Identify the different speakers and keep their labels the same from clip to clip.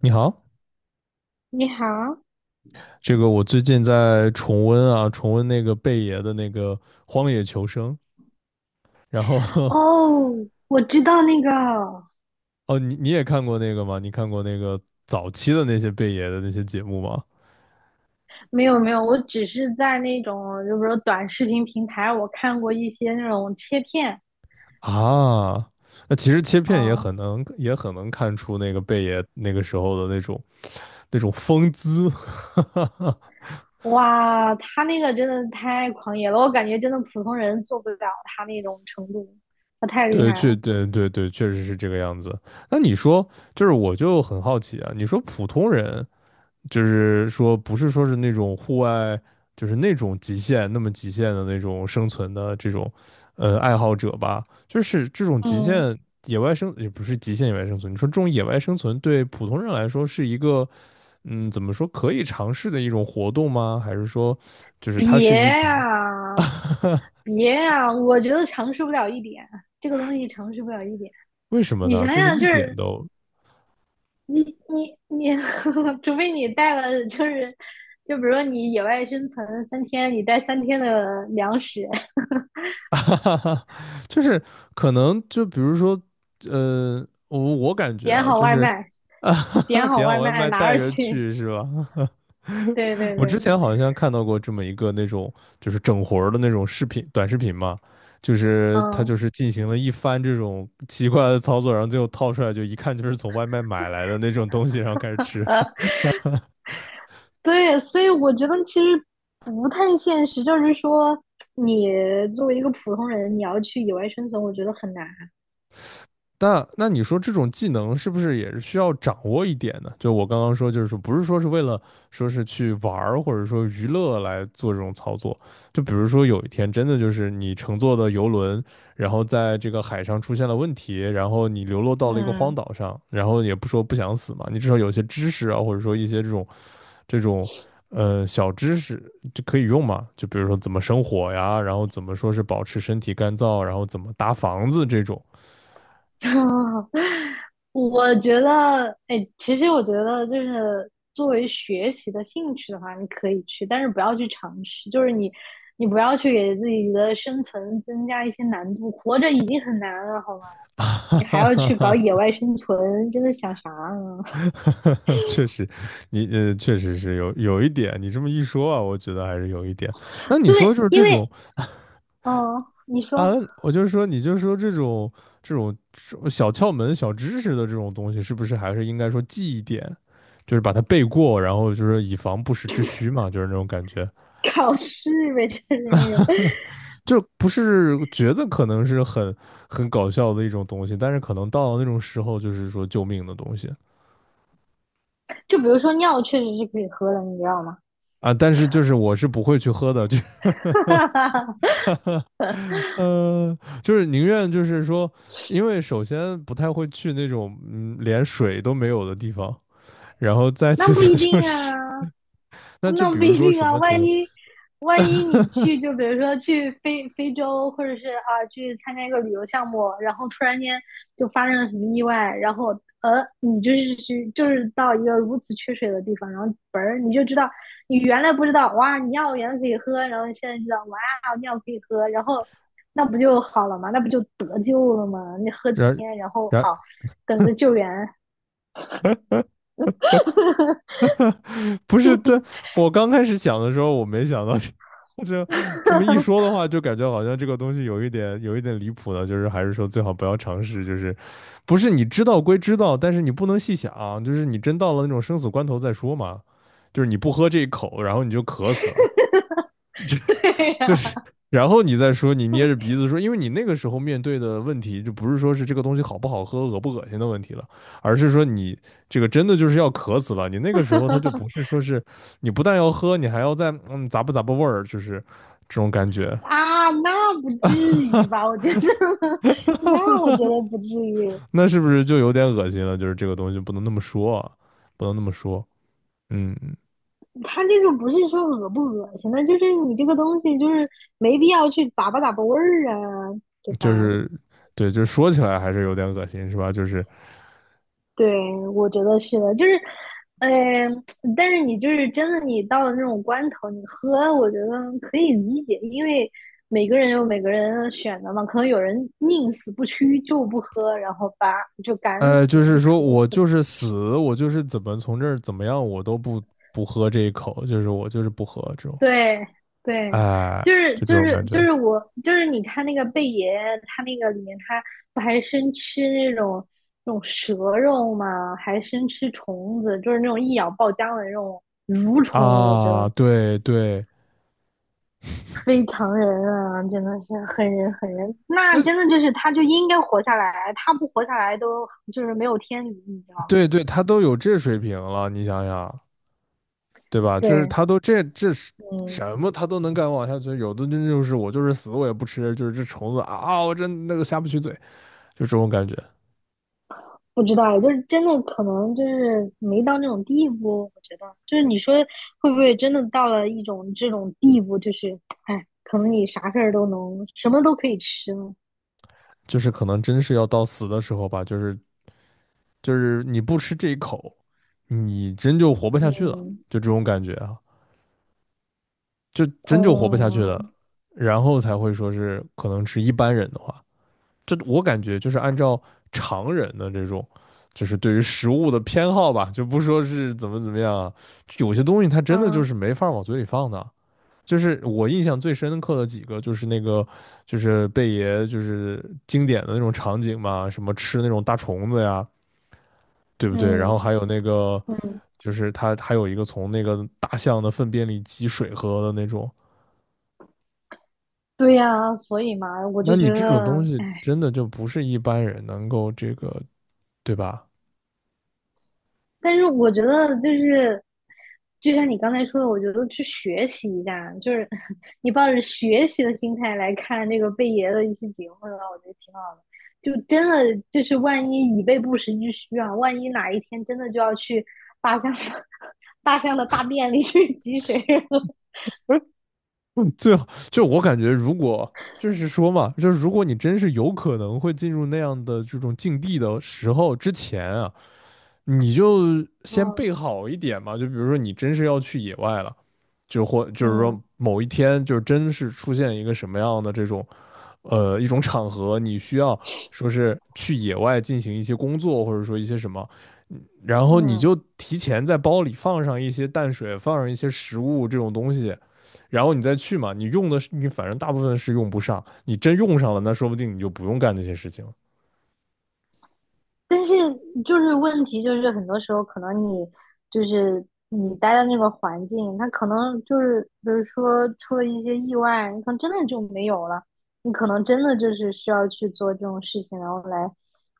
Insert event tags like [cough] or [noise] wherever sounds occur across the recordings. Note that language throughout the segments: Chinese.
Speaker 1: 你好，
Speaker 2: 你好。
Speaker 1: 这个我最近在重温啊，重温那个贝爷的那个《荒野求生》，然后
Speaker 2: 哦，我知道那个。
Speaker 1: [laughs] 哦，你也看过那个吗？你看过那个早期的那些贝爷的那些节目吗？
Speaker 2: 没有没有，我只是在那种就比如说短视频平台，我看过一些那种切片。
Speaker 1: 啊，那其实切片也
Speaker 2: 啊，
Speaker 1: 很能看出那个贝爷那个时候的那种风姿，[laughs]
Speaker 2: 哇，他那个真的太狂野了，我感觉真的普通人做不了他那种程度，他太厉
Speaker 1: 对，
Speaker 2: 害
Speaker 1: 确
Speaker 2: 了。
Speaker 1: 对对对，确实是这个样子。那你说，就是我就很好奇啊，你说普通人就是说不是说是那种户外，就是那种极限那么极限的那种生存的这种，爱好者吧，就是这种极
Speaker 2: 嗯，
Speaker 1: 限野外生也不是极限野外生存，你说这种野外生存对普通人来说是一个，嗯，怎么说可以尝试的一种活动吗？还是说，就是它是
Speaker 2: 别
Speaker 1: 一种
Speaker 2: 呀、
Speaker 1: [laughs]，
Speaker 2: 别呀、我觉得尝试不了一点，这个东西尝试不了一点。
Speaker 1: 为什么
Speaker 2: 你
Speaker 1: 呢？
Speaker 2: 想
Speaker 1: 就是
Speaker 2: 想
Speaker 1: 一
Speaker 2: 就
Speaker 1: 点
Speaker 2: 是。
Speaker 1: 都
Speaker 2: 你你，[laughs] 除非你带了，就是就比如说你野外生存三天，你带三天的粮食，
Speaker 1: [laughs] 哈哈，就是可能就比如说，我感觉
Speaker 2: 点
Speaker 1: 啊，
Speaker 2: 好
Speaker 1: 就
Speaker 2: 外
Speaker 1: 是
Speaker 2: 卖，
Speaker 1: [laughs]
Speaker 2: 点
Speaker 1: 啊
Speaker 2: 好
Speaker 1: 点
Speaker 2: 外
Speaker 1: 好外
Speaker 2: 卖
Speaker 1: 卖
Speaker 2: 拿
Speaker 1: 带
Speaker 2: 着
Speaker 1: 着
Speaker 2: 去。
Speaker 1: 去是吧？[laughs]
Speaker 2: 对对
Speaker 1: 我之
Speaker 2: 对。
Speaker 1: 前好像看到过这么一个那种就是整活儿的那种视频短视频嘛，就是他就
Speaker 2: 嗯，
Speaker 1: 是进行了一番这种奇怪的操作，然后最后套出来就一看就是从外卖买来的那种东西，然后开始吃。
Speaker 2: 呃，对，所以我觉得其实不太现实，就是说你作为一个普通人，你要去野外生存，我觉得很难。
Speaker 1: 那你说这种技能是不是也是需要掌握一点呢？就我刚刚说，就是说不是说是为了说是去玩儿或者说娱乐来做这种操作，就比如说有一天真的就是你乘坐的游轮，然后在这个海上出现了问题，然后你流落到了一个荒
Speaker 2: 嗯。
Speaker 1: 岛上，然后也不说不想死嘛，你至少有些知识啊，或者说一些这种这种呃小知识就可以用嘛，就比如说怎么生火呀，然后怎么说是保持身体干燥，然后怎么搭房子这种。
Speaker 2: [laughs] 啊，我觉得，哎，其实我觉得就是作为学习的兴趣的话，你可以去，但是不要去尝试，就是你，你不要去给自己的生存增加一些难度，活着已经很难了，好吗？
Speaker 1: [laughs] 啊，
Speaker 2: 你还要去搞
Speaker 1: 哈
Speaker 2: 野外生存，真的想啥呢？
Speaker 1: [laughs] 确实，你确实是有一点，你这么一说啊，我觉得还是有一点。那
Speaker 2: [laughs]
Speaker 1: 你
Speaker 2: 对，
Speaker 1: 说就是
Speaker 2: 因
Speaker 1: 这
Speaker 2: 为，
Speaker 1: 种 [laughs]
Speaker 2: 哦，你说
Speaker 1: 啊，我就是说，你就说这种小窍门、小知识的这种东西，是不是还是应该说记一点，就是把它背过，然后就是以防不时之需嘛，就是那种感觉，
Speaker 2: 考试呗，就是那种。
Speaker 1: 就不是觉得可能是很搞笑的一种东西，但是可能到了那种时候，就是说救命的东西。
Speaker 2: 就比如说尿确实是可以喝的，你知道吗？
Speaker 1: 啊，但是就是我是不会去喝的，就
Speaker 2: [laughs]
Speaker 1: [laughs] 哈，就是宁愿就是说，因为首先不太会去那种嗯连水都没有的地方，然后再
Speaker 2: 那
Speaker 1: 其
Speaker 2: 不一
Speaker 1: 次就
Speaker 2: 定
Speaker 1: 是，
Speaker 2: 啊。
Speaker 1: [laughs] 那
Speaker 2: [laughs]
Speaker 1: 就
Speaker 2: 那
Speaker 1: 比
Speaker 2: 不
Speaker 1: 如
Speaker 2: 一
Speaker 1: 说
Speaker 2: 定
Speaker 1: 什
Speaker 2: 啊，
Speaker 1: 么情
Speaker 2: 万
Speaker 1: 况，
Speaker 2: 一万一你去，就比如说去非洲，或者是啊去参加一个旅游项目，然后突然间就发生了什么意外，然后你就是去就是到一个如此缺水的地方，然后本儿你就知道你原来不知道哇你尿原来可以喝，然后你现在知道哇尿可以喝，然后那不就好了吗？那不就得救了吗？你喝几
Speaker 1: 然
Speaker 2: 天，然后
Speaker 1: 然
Speaker 2: 好等着救援。
Speaker 1: 不是这，我刚开始想的时候，我没想到这这么一说的
Speaker 2: [laughs]
Speaker 1: 话，就感觉好像这个东西有一点离谱的，就是还是说最好不要尝试，就是不是你知道归知道，但是你不能细想，就是你真到了那种生死关头再说嘛，就是你不喝这一口，然后你就渴死了。
Speaker 2: 对
Speaker 1: 就是
Speaker 2: 呀、
Speaker 1: 然后你再说你捏着鼻子说，因为你那个时候面对的问题就不是说是这个东西好不好喝、恶不恶心的问题了，而是说你这个真的就是要渴死了。你那个时候他就不是说是你不但要喝，你还要再咂吧咂吧味儿，就是这种感觉，
Speaker 2: 啊，那不至于吧？我觉得，[laughs] 那我觉得不至于。
Speaker 1: 那是不是就有点恶心了？就是这个东西不能那么说啊，不能那么说，嗯，
Speaker 2: 他这个不是说恶不恶心，那就是你这个东西就是没必要去咂吧咂吧味儿啊，对吧？
Speaker 1: 就是对，就是说起来还是有点恶心，是吧？就是
Speaker 2: 对，我觉得是的，就是，嗯，但是你就是真的，你到了那种关头，你喝，我觉得可以理解，因为每个人有每个人选择嘛，可能有人宁死不屈就不喝，然后吧就干死
Speaker 1: 就
Speaker 2: 了，就
Speaker 1: 是说
Speaker 2: 渴
Speaker 1: 我
Speaker 2: 死了。
Speaker 1: 就是死，我就是怎么从这儿怎么样，我都不喝这一口，就是我就是不喝这种，
Speaker 2: 对对。就
Speaker 1: 哎，
Speaker 2: 是
Speaker 1: 就
Speaker 2: 就
Speaker 1: 这种感
Speaker 2: 是
Speaker 1: 觉
Speaker 2: 就是我就是你看那个贝爷，他那个里面他不还生吃那种蛇肉吗？还生吃虫子，就是那种一咬爆浆的那种蠕虫，我觉
Speaker 1: 啊，
Speaker 2: 得
Speaker 1: 对对，
Speaker 2: 非常人啊，真的是很人很人。那
Speaker 1: 那
Speaker 2: 真的就是他就应该活下来，他不活下来都就是没有天理，你知道吗？
Speaker 1: 对对，他都有这水平了，你想想，对吧？就是
Speaker 2: 对。
Speaker 1: 他都这是
Speaker 2: 嗯。
Speaker 1: 什么，他都能敢往下去，有的真就是我就是死我也不吃，就是这虫子啊，我真那个下不去嘴，就这种感觉，
Speaker 2: 不知道，就是真的可能就是没到那种地步，我觉得就是你说会不会真的到了一种这种地步，就是哎，可能你啥事儿都能，什么都可以吃了。
Speaker 1: 就是可能真是要到死的时候吧，就是你不吃这一口，你真就活不下去了，
Speaker 2: 嗯。
Speaker 1: 就这种感觉啊，就真就活不下去
Speaker 2: 哦。
Speaker 1: 了，然后才会说是可能是一般人的话，这我感觉就是按照常人的这种，就是对于食物的偏好吧，就不说是怎么怎么样啊有些东西它真的就
Speaker 2: 啊。
Speaker 1: 是没法往嘴里放的。就是我印象最深刻的几个，就是那个，就是贝爷，就是经典的那种场景嘛，什么吃那种大虫子呀，对不对？然后
Speaker 2: 嗯
Speaker 1: 还有那个
Speaker 2: 嗯。
Speaker 1: 就是他还有一个从那个大象的粪便里挤水喝的那种。
Speaker 2: 对呀，所以嘛，我
Speaker 1: 那
Speaker 2: 就觉
Speaker 1: 你这种东
Speaker 2: 得
Speaker 1: 西
Speaker 2: 哎。
Speaker 1: 真的就不是一般人能够这个，对吧？
Speaker 2: 但是我觉得就是，就像你刚才说的，我觉得去学习一下，就是 [laughs] 你抱着学习的心态来看这个贝爷的一些节目的话，我觉得挺好的。就真的就是万一以备不时之需啊，万一哪一天真的就要去大象的 [laughs] 大象的大便里去挤水了。
Speaker 1: 嗯，[laughs] 最好就我感觉，如果就是说嘛，就是如果你真是有可能会进入那样的这种境地的时候之前啊，你就
Speaker 2: [laughs]
Speaker 1: 先
Speaker 2: 嗯
Speaker 1: 备好一点嘛。就比如说你真是要去野外了，就是说
Speaker 2: 嗯
Speaker 1: 某一天就是真是出现一个什么样的这种呃一种场合，你需要说是去野外进行一些工作，或者说一些什么，然后你
Speaker 2: 嗯。
Speaker 1: 就提前在包里放上一些淡水，放上一些食物这种东西，然后你再去嘛。你用的是你反正大部分是用不上，你真用上了，那说不定你就不用干那些事情了。
Speaker 2: 但是就是问题就是很多时候可能你就是你待的那个环境，它可能就是比如说出了一些意外，你可能真的就没有了，你可能真的就是需要去做这种事情，然后来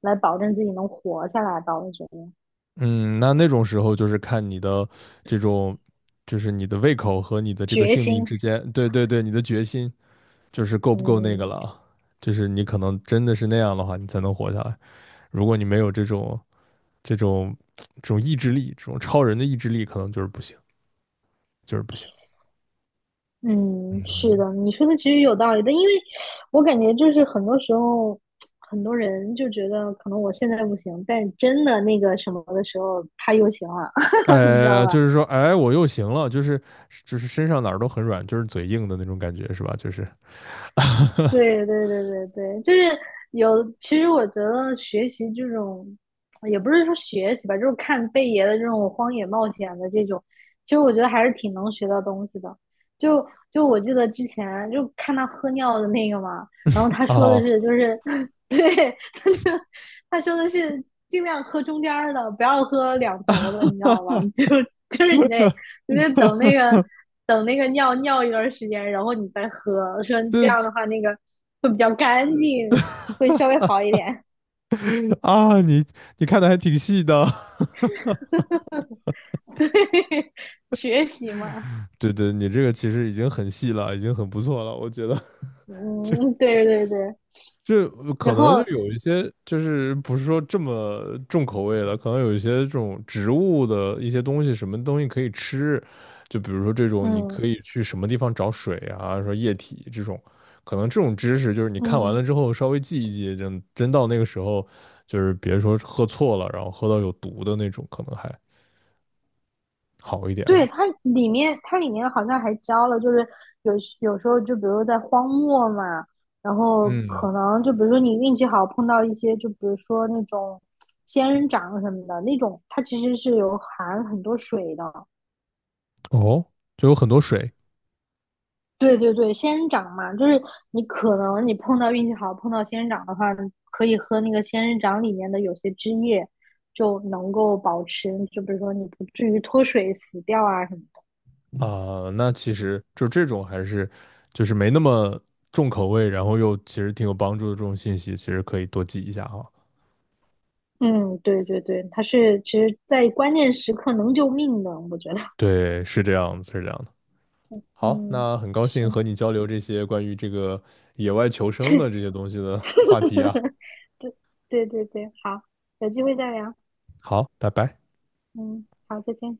Speaker 2: 来保证自己能活下来吧。我觉得
Speaker 1: 嗯，那那种时候就是看你的这种，就是你的胃口和你的这个
Speaker 2: 决
Speaker 1: 性命
Speaker 2: 心。
Speaker 1: 之间，你的决心就是够不够那个了
Speaker 2: 嗯。
Speaker 1: 啊就是你可能真的是那样的话，你才能活下来。如果你没有这种这种意志力，这种超人的意志力，可能就是不行，就是不行。
Speaker 2: 嗯，是
Speaker 1: 嗯，
Speaker 2: 的，你说的其实有道理的，因为我感觉就是很多时候，很多人就觉得可能我现在不行，但真的那个什么的时候，他又行了，[laughs] 你知道
Speaker 1: 哎，
Speaker 2: 吧？
Speaker 1: 就是说，哎，我又行了，身上哪儿都很软，就是嘴硬的那种感觉，是吧？就是啊，
Speaker 2: 对对对对对，就是有。其实我觉得学习这种，也不是说学习吧，就是看贝爷的这种荒野冒险的这种，其实我觉得还是挺能学到东西的。就就我记得之前就看他喝尿的那个嘛，然后他
Speaker 1: [laughs]
Speaker 2: 说的
Speaker 1: 哦
Speaker 2: 是就是，[laughs] 对，他就他说的是尽量喝中间儿的，不要喝两头的，你知
Speaker 1: 哈
Speaker 2: 道吗？
Speaker 1: 哈
Speaker 2: [laughs] 就是你得
Speaker 1: 哈
Speaker 2: 等那
Speaker 1: 哈
Speaker 2: 个。等那个尿尿一段时间，然后你再喝。说
Speaker 1: [laughs]
Speaker 2: 这
Speaker 1: 这
Speaker 2: 样的话，那个会比较干净，会稍微好一点。
Speaker 1: 啊，你看的还挺细的，
Speaker 2: [laughs] 对，学习嘛。
Speaker 1: [laughs] 对对，你这个其实已经很细了，已经很不错了，我觉得就
Speaker 2: 嗯，
Speaker 1: [laughs]
Speaker 2: 对对对。
Speaker 1: 就可
Speaker 2: 然
Speaker 1: 能就
Speaker 2: 后，
Speaker 1: 有一些，就是不是说这么重口味的，可能有一些这种植物的一些东西，什么东西可以吃，就比如说这种，你
Speaker 2: 嗯
Speaker 1: 可以去什么地方找水啊，说液体这种，可能这种知识就是你看完
Speaker 2: 嗯。
Speaker 1: 了之后稍微记一记，就真到那个时候，就是别说喝错了，然后喝到有毒的那种，可能还好一点
Speaker 2: 对，
Speaker 1: 啊。
Speaker 2: 它里面好像还教了，就是有有时候就比如在荒漠嘛，然后
Speaker 1: 嗯，
Speaker 2: 可能就比如说你运气好碰到一些，就比如说那种仙人掌什么的那种，它其实是有含很多水的。
Speaker 1: 哦，就有很多水。
Speaker 2: 对对对，仙人掌嘛，就是你可能你碰到运气好，碰到仙人掌的话，你可以喝那个仙人掌里面的有些汁液，就能够保持，就比如说你不至于脱水死掉啊什么的。
Speaker 1: 啊，那其实就这种还是就是没那么重口味，然后又其实挺有帮助的这种信息，其实可以多记一下哈。
Speaker 2: 嗯，对对对，它是其实在关键时刻能救命的，我觉得。
Speaker 1: 对，是这样子，是这样的。好，
Speaker 2: 嗯，
Speaker 1: 那很高兴
Speaker 2: 是。
Speaker 1: 和你交流这些关于这个野外求生的这些东西的话题啊。
Speaker 2: [laughs] 对对对对，好，有机会再聊。
Speaker 1: 好，拜拜。
Speaker 2: 嗯，好，再见。